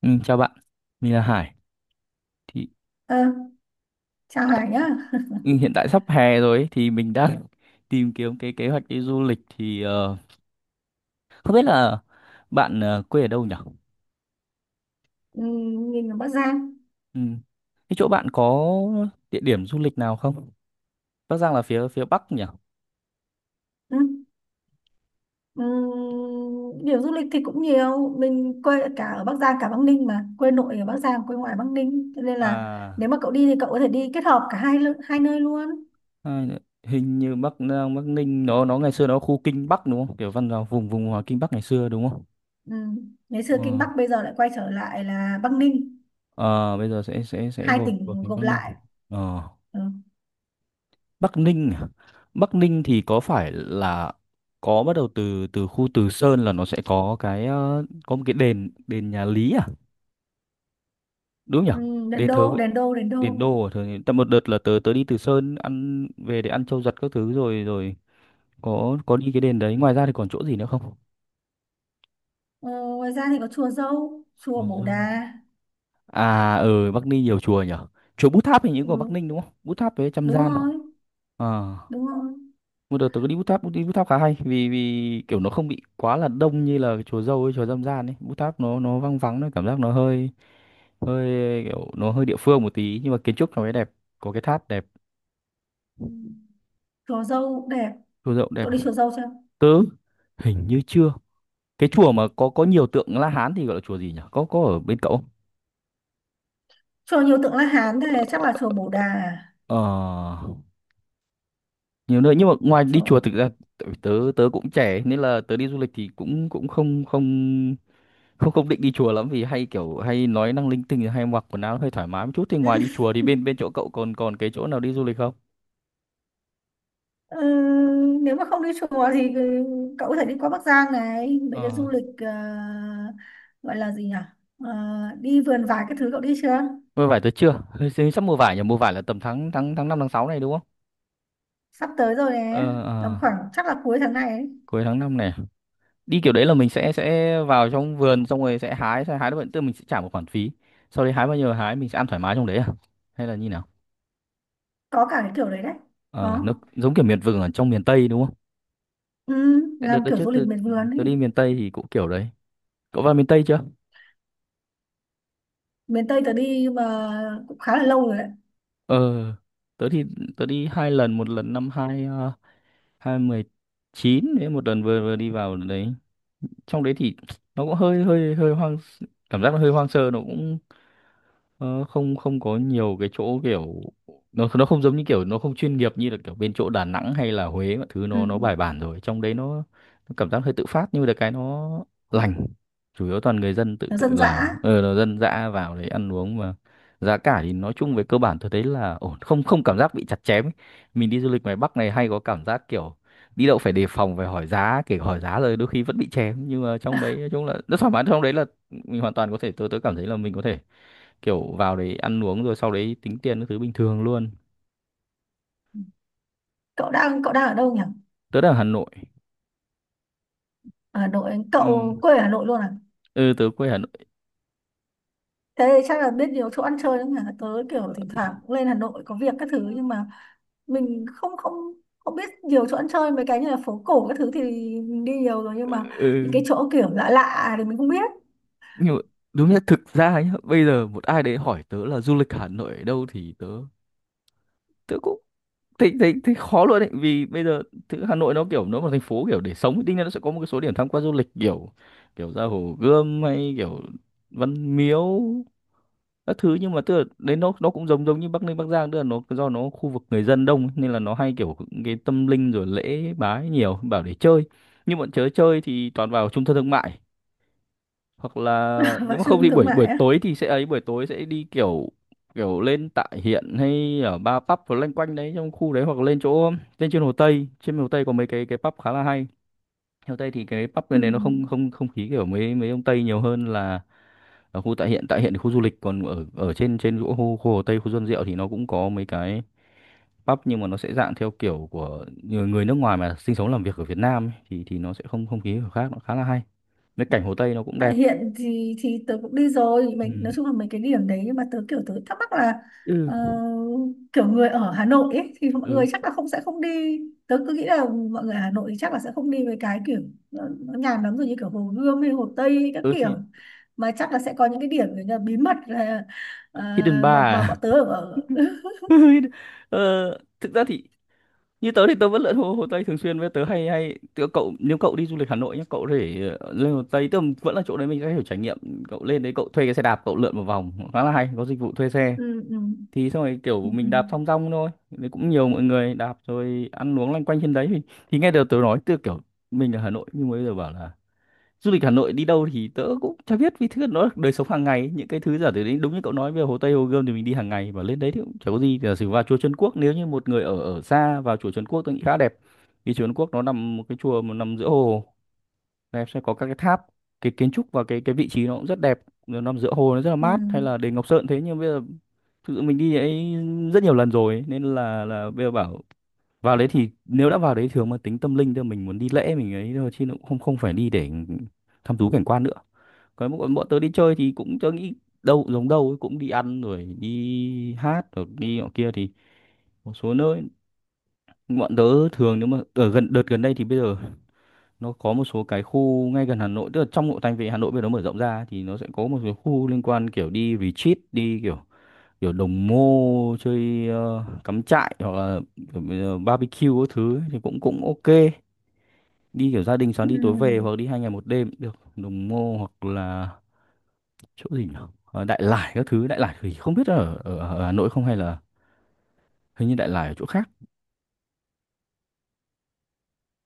Ừ, chào bạn, mình là Hải. Thì Ờ, Chào tại, Hải nhá. hiện tại sắp hè rồi ấy, thì mình đang tìm kiếm cái kế hoạch đi du lịch, thì không biết là bạn quê ở đâu nhỉ? Ừ, Mình ở Bắc Giang. Ừ. Cái chỗ bạn có địa điểm du lịch nào không? Bắc Giang là phía phía Bắc nhỉ? Ừ. Ừ, Điểm du lịch thì cũng nhiều. Mình quê cả ở Bắc Giang cả Bắc Ninh mà. Quê nội ở Bắc Giang, quê ngoại Bắc Ninh. Cho nên là nếu À, mà cậu đi thì cậu có thể đi kết hợp cả hai nơi luôn. hai hình như Bắc Giang, Bắc Ninh, nó ngày xưa nó khu Kinh Bắc đúng không? Kiểu văn vào vùng vùng Kinh Bắc ngày xưa đúng không? Ừ. Ngày xưa Ờ. Kinh Bắc bây giờ lại quay trở lại là Bắc Ninh. Ờ, bây giờ sẽ Hai gồm của tỉnh thành gộp Bắc lại. Ninh. Ờ. Ừ. Bắc Ninh à? Bắc Ninh thì có phải là có bắt đầu từ từ khu Từ Sơn, là nó sẽ có cái có một cái đền đền nhà Lý à, đúng nhỉ? Ừ, Đền Đền thờ Đô, vậy Đền Đô, Đền đền Đô. đô à? Thờ tại một đợt là tớ tớ đi Từ Sơn, ăn về để ăn trâu giật các thứ, rồi rồi có đi cái đền đấy. Ngoài ra thì còn chỗ gì nữa không? Ờ, Ngoài ra thì có chùa Dâu, chùa Chùa Bổ Dâu. Đà. À, ở Bắc Ninh nhiều chùa nhỉ, chùa Bút Tháp hình như Ừ, của Bắc Ninh đúng không? Bút Tháp với Trăm đúng Gian. rồi, À, đúng rồi. một đợt tớ có đi Bút Tháp. Đi Bút Tháp khá hay, vì vì kiểu nó không bị quá là đông như là cái chùa Dâu ấy, chùa Dâm Gian ấy. Bút Tháp nó vắng vắng, nó cảm giác nó hơi hơi kiểu nó hơi địa phương một tí, nhưng mà kiến trúc nó mới đẹp, có cái tháp đẹp. Ừ. Chùa Dâu đẹp. Chùa Dậu đẹp. Cậu đi chùa Dâu chưa? Tớ hình như chưa. Cái chùa mà có nhiều tượng La Hán thì gọi là chùa gì nhỉ, có ở bên cậu không? Chùa nhiều tượng La Hán thế chắc là chùa Bồ Đà à? ờ Nhiều nơi, nhưng mà ngoài đi chùa, Chùa... thực ra tại vì tớ tớ cũng trẻ nên là tớ đi du lịch thì cũng cũng không không không không định đi chùa lắm, vì hay kiểu hay nói năng linh tinh, hay mặc quần áo hơi thoải mái một chút. Thì ngoài đi chùa, thì bên bên chỗ cậu còn còn cái chỗ nào đi du lịch không? Ừ, Nếu mà không đi chùa thì cậu có thể đi qua Bắc Giang này, mấy cái Ờ, du lịch gọi là gì nhỉ? Ờ, Đi vườn vải cái thứ cậu đi chưa? mua vải tớ chưa. Hình sắp mua vải nhỉ. Mua vải là tầm tháng tháng tháng 5 tháng 6 này đúng không? Sắp tới rồi nè, Ờ, ờ. tầm khoảng chắc là cuối tháng này ấy. Cuối tháng 5 này, đi kiểu đấy là mình sẽ vào trong vườn, xong rồi sẽ hái được bệnh, tức mình sẽ trả một khoản phí, sau đấy hái bao nhiêu là hái, mình sẽ ăn thoải mái trong đấy à, hay là như nào? Có cả cái kiểu đấy đấy. Ờ, Có. nó giống kiểu miệt vườn ở trong miền Tây đúng không? Ừ, Tại Đợt làm đợt kiểu trước du lịch tớ, miền vườn tớ đi ấy. miền Tây thì cũng kiểu đấy. Cậu vào miền Tây chưa? Miền Tây tớ đi mà cũng khá là lâu rồi đấy. Ờ, tớ thì tớ đi hai lần, một lần năm hai mười chín, đấy, một lần vừa vừa đi vào đấy. Trong đấy thì nó cũng hơi hơi hơi hoang, cảm giác nó hơi hoang sơ, nó cũng ờ, không không có nhiều cái chỗ kiểu, nó không giống như kiểu, nó không chuyên nghiệp như là kiểu bên chỗ Đà Nẵng hay là Huế, mọi thứ Ừ. nó bài bản rồi. Trong đấy nó, cảm giác hơi tự phát, nhưng mà được cái nó lành, chủ yếu toàn người dân tự Nó tự dân làm, dã. Là dân dã vào đấy ăn uống mà. Giá cả thì nói chung về cơ bản tôi thấy là ổn, không không cảm giác bị chặt chém ấy. Mình đi du lịch ngoài Bắc này hay có cảm giác kiểu đi đâu phải đề phòng, phải hỏi giá, kể cả hỏi giá rồi đôi khi vẫn bị chém. Nhưng mà trong đấy nói chung là rất thoải mái. Trong đấy là mình hoàn toàn có thể, tôi cảm thấy là mình có thể kiểu vào đấy ăn uống rồi sau đấy tính tiền các thứ bình thường luôn. Cậu đang ở đâu nhỉ? Tớ đang ở Hà Nội. Ở Hà Nội, Ừ, cậu quê ở Hà Nội luôn à? ừ, tớ quê Hà Nội. Thế chắc là biết nhiều chỗ ăn chơi lắm hả? Tớ kiểu thỉnh thoảng cũng lên Hà Nội có việc các thứ, nhưng mà mình không không không biết nhiều chỗ ăn chơi. Mấy cái như là phố cổ các thứ thì mình đi nhiều rồi, nhưng mà những cái Ừ, chỗ kiểu lạ lạ thì mình không biết. nhưng mà đúng nhất thực ra nhá, bây giờ một ai đấy hỏi tớ là du lịch Hà Nội ở đâu, thì tớ tớ cũng thấy thấy thấy khó luôn đấy. Vì bây giờ thứ Hà Nội nó kiểu nó là thành phố kiểu để sống, thì đương nhiên nó sẽ có một cái số điểm tham quan du lịch kiểu kiểu ra Hồ Gươm hay kiểu Văn Miếu các thứ. Nhưng mà tức là đấy, nó cũng giống giống như Bắc Ninh Bắc Giang, tức là nó do nó khu vực người dân đông ấy, nên là nó hay kiểu cái tâm linh rồi lễ bái nhiều, bảo để chơi nhưng bọn chớ chơi thì toàn vào trung tâm thương mại, hoặc là nếu Vào mà trung không tâm thì thương buổi buổi mại á? tối, thì sẽ ấy, buổi tối sẽ đi kiểu kiểu lên tại hiện, hay ở ba pub và loanh quanh đấy trong khu đấy, hoặc là lên chỗ, lên trên Hồ Tây. Trên Hồ Tây có mấy cái pub khá là hay. Hồ Tây thì cái pub Ừ. bên đấy nó không, không khí kiểu mấy mấy ông Tây nhiều hơn là ở khu tại hiện thì khu du lịch còn ở, trên, chỗ khu, Hồ Tây, khu Xuân Diệu, thì nó cũng có mấy cái pub, nhưng mà nó sẽ dạng theo kiểu của người, nước ngoài mà sinh sống làm việc ở Việt Nam ấy, thì nó sẽ không, không khí kiểu khác, nó khá là hay. Cái cảnh Hồ Tây nó cũng Tại đẹp. hiện thì tớ cũng đi rồi, Ừ. mình nói chung là mấy cái điểm đấy, nhưng mà tớ kiểu tớ thắc mắc là Ừ, ờ, kiểu người ở Hà Nội ấy, thì mọi ừ, người chắc là không, sẽ không đi. Tớ cứ nghĩ là mọi người ở Hà Nội thì chắc là sẽ không đi với cái kiểu nó nhàm lắm rồi như kiểu Hồ Gươm hay Hồ Tây hay các ừ, thì kiểu, mà chắc là sẽ có những cái điểm kiểu như là bí mật là ờ, Hidden mà Bar à? bọn tớ ở. ờ, Thực ra thì như tớ thì tớ vẫn lượn Hồ Tây thường xuyên. Với tớ hay hay tớ, cậu, nếu cậu đi du lịch Hà Nội nhá, cậu để lên Hồ Tây, tức là vẫn là chỗ đấy, mình sẽ hiểu trải nghiệm. Cậu lên đấy, cậu thuê cái xe đạp, cậu lượn một vòng khá là hay, có dịch vụ thuê xe, Ừ, ừ, thì xong rồi ừ, kiểu ừ, mình đạp thong dong thôi, đấy cũng nhiều mọi người đạp rồi ăn uống loanh quanh trên đấy. Thì nghe được tớ nói từ kiểu mình ở Hà Nội, nhưng mới giờ bảo là du lịch Hà Nội đi đâu, thì tớ cũng chả biết. Vì thứ nó là đời sống hàng ngày, những cái thứ giả từ đấy đúng như cậu nói về Hồ Tây Hồ Gươm thì mình đi hàng ngày, và lên đấy thì cũng chả có gì. Giả sử vào chùa Trấn Quốc, nếu như một người ở ở xa vào chùa Trấn Quốc, tôi nghĩ khá đẹp, vì chùa Trấn Quốc nó nằm một cái chùa mà nằm giữa hồ đẹp, sẽ có các cái tháp, cái kiến trúc và cái vị trí nó cũng rất đẹp, nó nằm giữa hồ nó rất là ừ, mát, hay là đền Ngọc Sơn. Thế nhưng bây giờ thực sự mình đi ấy rất nhiều lần rồi ấy, nên là bây giờ bảo vào đấy, thì nếu đã vào đấy thường mà tính tâm linh thôi, mình muốn đi lễ mình ấy thôi, chứ nó cũng không không phải đi để thăm thú cảnh quan nữa. Còn bọn tớ đi chơi thì cũng tớ nghĩ đâu giống đâu ấy, cũng đi ăn rồi đi hát rồi đi nọ kia. Thì một số nơi bọn tớ thường, nếu mà ở gần đợt gần đây, thì bây giờ nó có một số cái khu ngay gần Hà Nội, tức là trong nội thành về Hà Nội bây giờ nó mở rộng ra, thì nó sẽ có một số khu liên quan kiểu đi retreat, đi kiểu kiểu đồng mô chơi, cắm trại, hoặc là kiểu, barbecue các thứ ấy, thì cũng cũng ok. Đi kiểu gia đình sáng ừ. đi tối về, hoặc đi 2 ngày 1 đêm cũng được, Đồng Mô, hoặc là chỗ gì nhỉ? Ờ, Đại Lải các thứ. Đại Lải thì không biết ở Hà Nội không, hay là hình như Đại Lải ở chỗ khác.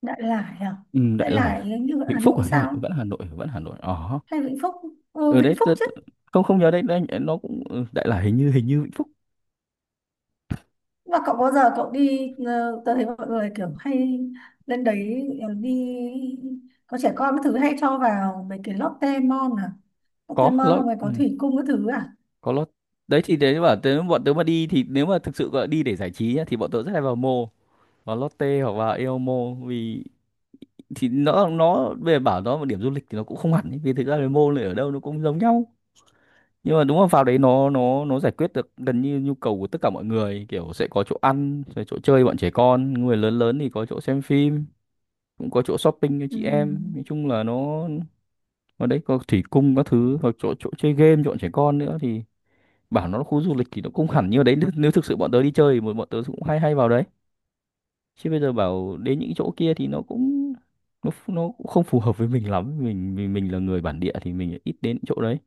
Đại Lải à? Ừ, Đại Đại Lải Lải hình như ở Vĩnh Hà Phúc Nội à, hay là sao? vẫn Hà Nội? Vẫn Hà Nội ờ, Hay Vĩnh Phúc? Ừ, ở Vĩnh đấy Phúc chứ. không không nhớ đấy, đấy nó cũng Đại Lải hình như Vĩnh Phúc. Mà cậu có giờ cậu đi, tớ thấy mọi người kiểu hay lên đấy đi có trẻ con cái thứ hay cho vào mấy cái Lotte Mall à? Lotte Có Mall lót, không phải có thủy cung cái thứ à? có lót, đấy thì đấy bảo tớ, bọn tớ mà đi, thì nếu mà thực sự gọi đi để giải trí nhá, thì bọn tớ rất hay vào vào Lotte hoặc vào Eomo. Vì thì nó về bảo nó một điểm du lịch thì nó cũng không hẳn ấy. Vì thực ra là môn này ở đâu nó cũng giống nhau, nhưng mà đúng là vào đấy nó giải quyết được gần như nhu cầu của tất cả mọi người, kiểu sẽ có chỗ ăn, sẽ chỗ chơi bọn trẻ con, người lớn lớn thì có chỗ xem phim, cũng có chỗ shopping cho Ừ. chị em, nói chung là nó ở đấy có thủy cung các thứ hoặc chỗ chỗ chơi game cho bọn trẻ con nữa. Thì bảo nó là khu du lịch thì nó cũng hẳn như ở đấy, nếu thực sự bọn tớ đi chơi thì bọn bọn tớ cũng hay hay vào đấy, chứ bây giờ bảo đến những chỗ kia thì nó cũng không phù hợp với mình lắm. Mình là người bản địa thì mình ít đến những chỗ đấy.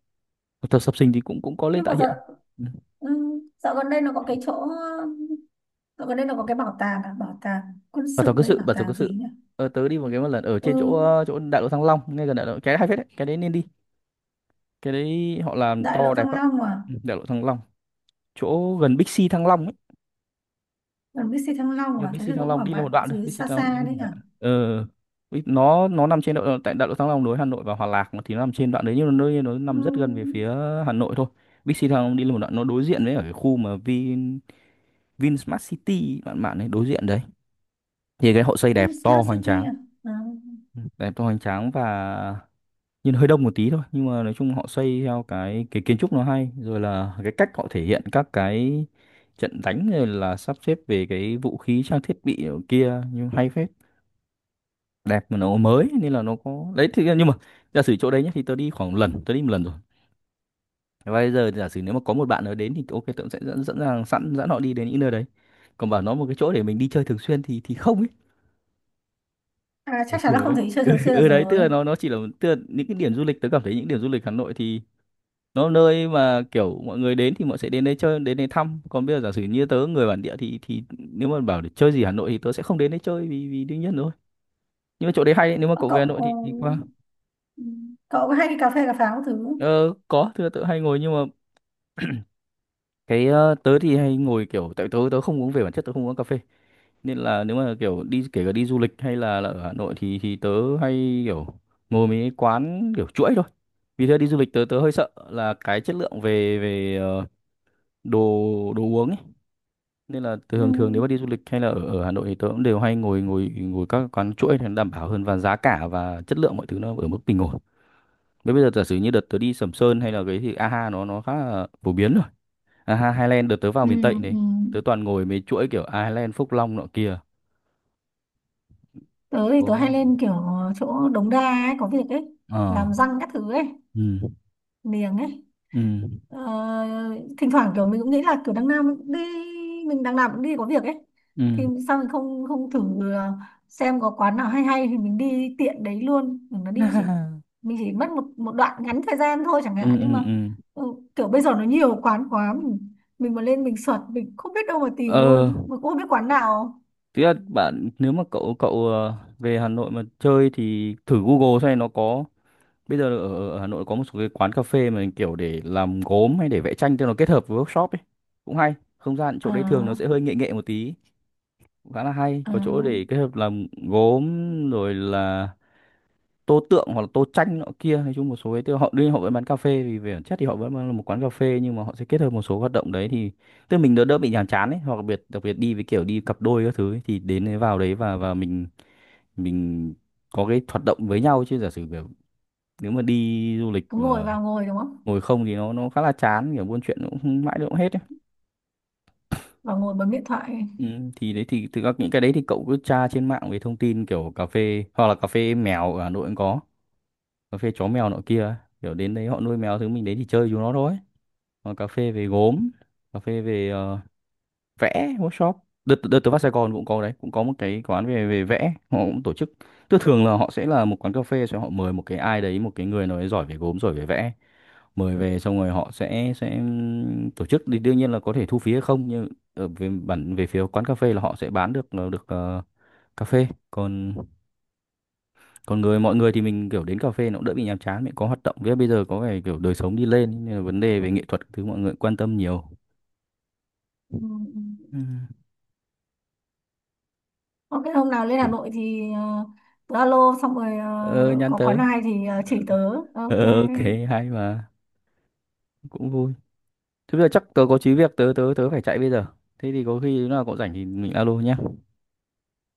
Tập sập sinh thì cũng cũng có lên Nhưng tại mà dạo, hiện. Ừ. ừ, dạo gần đây nó có cái chỗ, dạo gần đây nó có cái bảo tàng à, bảo tàng quân Bảo tàu sự cơ đấy, sự, bảo bảo tàu cơ tàng gì sự. nhỉ? Tớ đi một cái một lần ở Ừ, trên chỗ chỗ đại lộ Thăng Long, ngay gần đại lộ. Cái hay phết đấy, cái đấy nên đi. Cái đấy họ làm Đại to lộ Thăng đẹp lắm. Long à? Ừ, đại lộ Thăng Long, chỗ gần Big C Thăng Long ấy. Gần BC Thăng Long Nhưng à? Thế Bixi thì Thăng cũng Long ở đi là một bạn đoạn thôi, dưới Bixi xa Thăng Long đi xa là một đấy đoạn. à? ờ Bích- nó nằm trên độ tại đại lộ Thăng Long nối Hà Nội và Hòa Lạc mà, thì nó nằm trên đoạn đấy, nhưng nó Ừ. nằm rất gần về phía Hà Nội thôi. Bixi Thăng Long đi là một đoạn, nó đối diện với ở cái khu mà Vinsmart City, bạn bạn ấy, đối diện đấy. Thì cái họ xây đẹp, to Smart hoành City tráng. à, à. Ừ, đẹp to hoành tráng, và nhìn hơi đông một tí thôi, nhưng mà nói chung họ xây theo cái kiến trúc nó hay, rồi là cái cách họ thể hiện các cái trận đánh, rồi là sắp xếp về cái vũ khí trang thiết bị ở kia, nhưng hay phết. Đẹp mà nó mới nên là nó có đấy. Thì nhưng mà giả sử chỗ đấy nhé, thì tớ đi khoảng lần, tớ đi một lần rồi, và bây giờ giả sử nếu mà có một bạn nào đến thì ok, tớ cũng sẽ dẫn dẫn rằng sẵn dẫn họ đi đến những nơi đấy. Còn bảo nó một cái chỗ để mình đi chơi thường xuyên thì không ấy. À, Được chắc chắn là kiểu không đấy, thấy chơi ừ, thường xuyên được ừ đấy, tức là rồi. nó chỉ là, tức là những cái điểm du lịch, tớ cảm thấy những điểm du lịch Hà Nội thì nó nơi mà kiểu mọi người đến thì mọi sẽ đến đây chơi, đến đây thăm. Còn bây giờ giả sử như tớ người bản địa thì nếu mà bảo để chơi gì Hà Nội thì tớ sẽ không đến đây chơi, vì vì đương nhiên rồi. Nhưng mà chỗ đấy hay đấy, nếu mà Ờ, cậu về Cậu Hà Nội thì qua. ừ, cậu có hay đi cà phê cà pháo các thứ không? Ờ, có, thưa tớ hay ngồi. Nhưng mà cái tớ thì hay ngồi kiểu, tại tớ tớ không uống, về bản chất tớ không uống cà phê, nên là nếu mà kiểu đi, kể cả đi du lịch hay là ở Hà Nội thì tớ hay kiểu ngồi mấy cái quán kiểu chuỗi thôi. Vì thế đi du lịch tớ tớ hơi sợ là cái chất lượng về về đồ đồ uống ấy. Nên là Ừ. thường thường, nếu mà đi du lịch hay là ở, ở Hà Nội thì tớ cũng đều hay ngồi ngồi ngồi các quán chuỗi thì nó đảm bảo hơn, và giá cả và chất lượng mọi thứ nó ở mức bình ổn. Thế bây giờ giả sử như đợt tớ đi Sầm Sơn hay là cái thì AHA nó khá là phổ biến rồi. À, Highland đợt tớ vào Ừ, miền Tây ừ. đấy. Tớ toàn ngồi mấy chuỗi kiểu Highland, Phúc Long nọ kia. Tớ thì Ồ. tớ hay lên kiểu chỗ Đống Đa ấy, có việc ấy, Ờ. làm răng các thứ ấy, Ừ. niềng ấy. Ừ. Ờ, Thỉnh thoảng kiểu mình cũng nghĩ là kiểu đằng nào mình cũng đi, mình đằng nào cũng đi có việc ấy, Ừ. thì sao mình không không thử ờ, xem có quán nào hay hay thì mình đi tiện đấy luôn. Mình chỉ mất một một đoạn ngắn thời gian thôi chẳng Ừ. hạn, nhưng Ừ. mà Ừ. ừ, kiểu bây giờ nó nhiều quán quá. Mình mà lên mình search mình không biết đâu mà tìm luôn, Ờ, mình cũng không biết quán nào. tức là bạn, nếu mà cậu cậu ờ, về Hà Nội mà chơi thì thử Google xem nó có, bây giờ ở, ở Hà Nội có một số cái quán cà phê mà kiểu để làm gốm hay để vẽ tranh, cho nó kết hợp với workshop ấy. Cũng hay. Không gian chỗ đấy thường nó À, sẽ hơi nghệ nghệ một tí, cũng khá là hay. à, Có chỗ để kết hợp làm gốm, rồi là tô tượng, hoặc là tô tranh nọ kia. Nói chung một số ấy, tức là họ đương nhiên họ vẫn bán cà phê, vì về bản chất thì họ vẫn là một quán cà phê, nhưng mà họ sẽ kết hợp một số hoạt động đấy, thì tức là mình đỡ đỡ bị nhàm chán ấy. Hoặc đặc biệt đi với kiểu đi cặp đôi các thứ ấy, thì đến đấy, vào đấy và mình có cái hoạt động với nhau, chứ giả sử kiểu nếu mà đi du lịch cứ ngồi mà vào ngồi đúng không, ngồi không thì nó khá là chán, kiểu buôn chuyện nó cũng không- mãi nó cũng hết ấy. vào ngồi bấm điện thoại. Ừ, thì đấy, thì thực ra những cái đấy thì cậu cứ tra trên mạng về thông tin kiểu cà phê, hoặc là cà phê mèo ở Hà Nội cũng có, cà phê chó mèo nọ kia ấy. Kiểu đến đấy họ nuôi mèo thứ, mình đến thì chơi chúng nó thôi. Còn cà phê về gốm, cà phê về vẽ workshop, đợt đợt tớ vào Sài Gòn cũng có đấy, cũng có một cái quán về về vẽ, họ cũng tổ chức. Tức thường là họ sẽ là một quán cà phê, sẽ họ mời một cái ai đấy, một cái người nào đấy giỏi về gốm, giỏi về vẽ, mời về, xong rồi họ sẽ tổ chức, thì đương nhiên là có thể thu phí hay không, nhưng ở về phía quán cà phê là họ sẽ bán được được cà phê. Còn còn người mọi người thì mình kiểu đến cà phê nó cũng đỡ bị nhàm chán, mình có hoạt động với. Bây giờ có vẻ kiểu đời sống đi lên nên là vấn đề về nghệ thuật thứ mọi người quan tâm nhiều. Ừ. Ừ. Ok, hôm nào lên Hà Thì- Nội thì tớ alo xong rồi ờ nhắn có quán tớ. nào hay thì chỉ ờ, tớ. Ok, ok. Hay mà, cũng vui. Thế bây giờ chắc tớ có chí việc, tớ tớ tớ phải chạy bây giờ. Thế thì có khi lúc nào cậu rảnh thì mình alo nhé.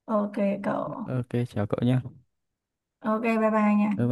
ok cậu. Ok, chào cậu nhé. Ok, bye bye nha. Bye bye.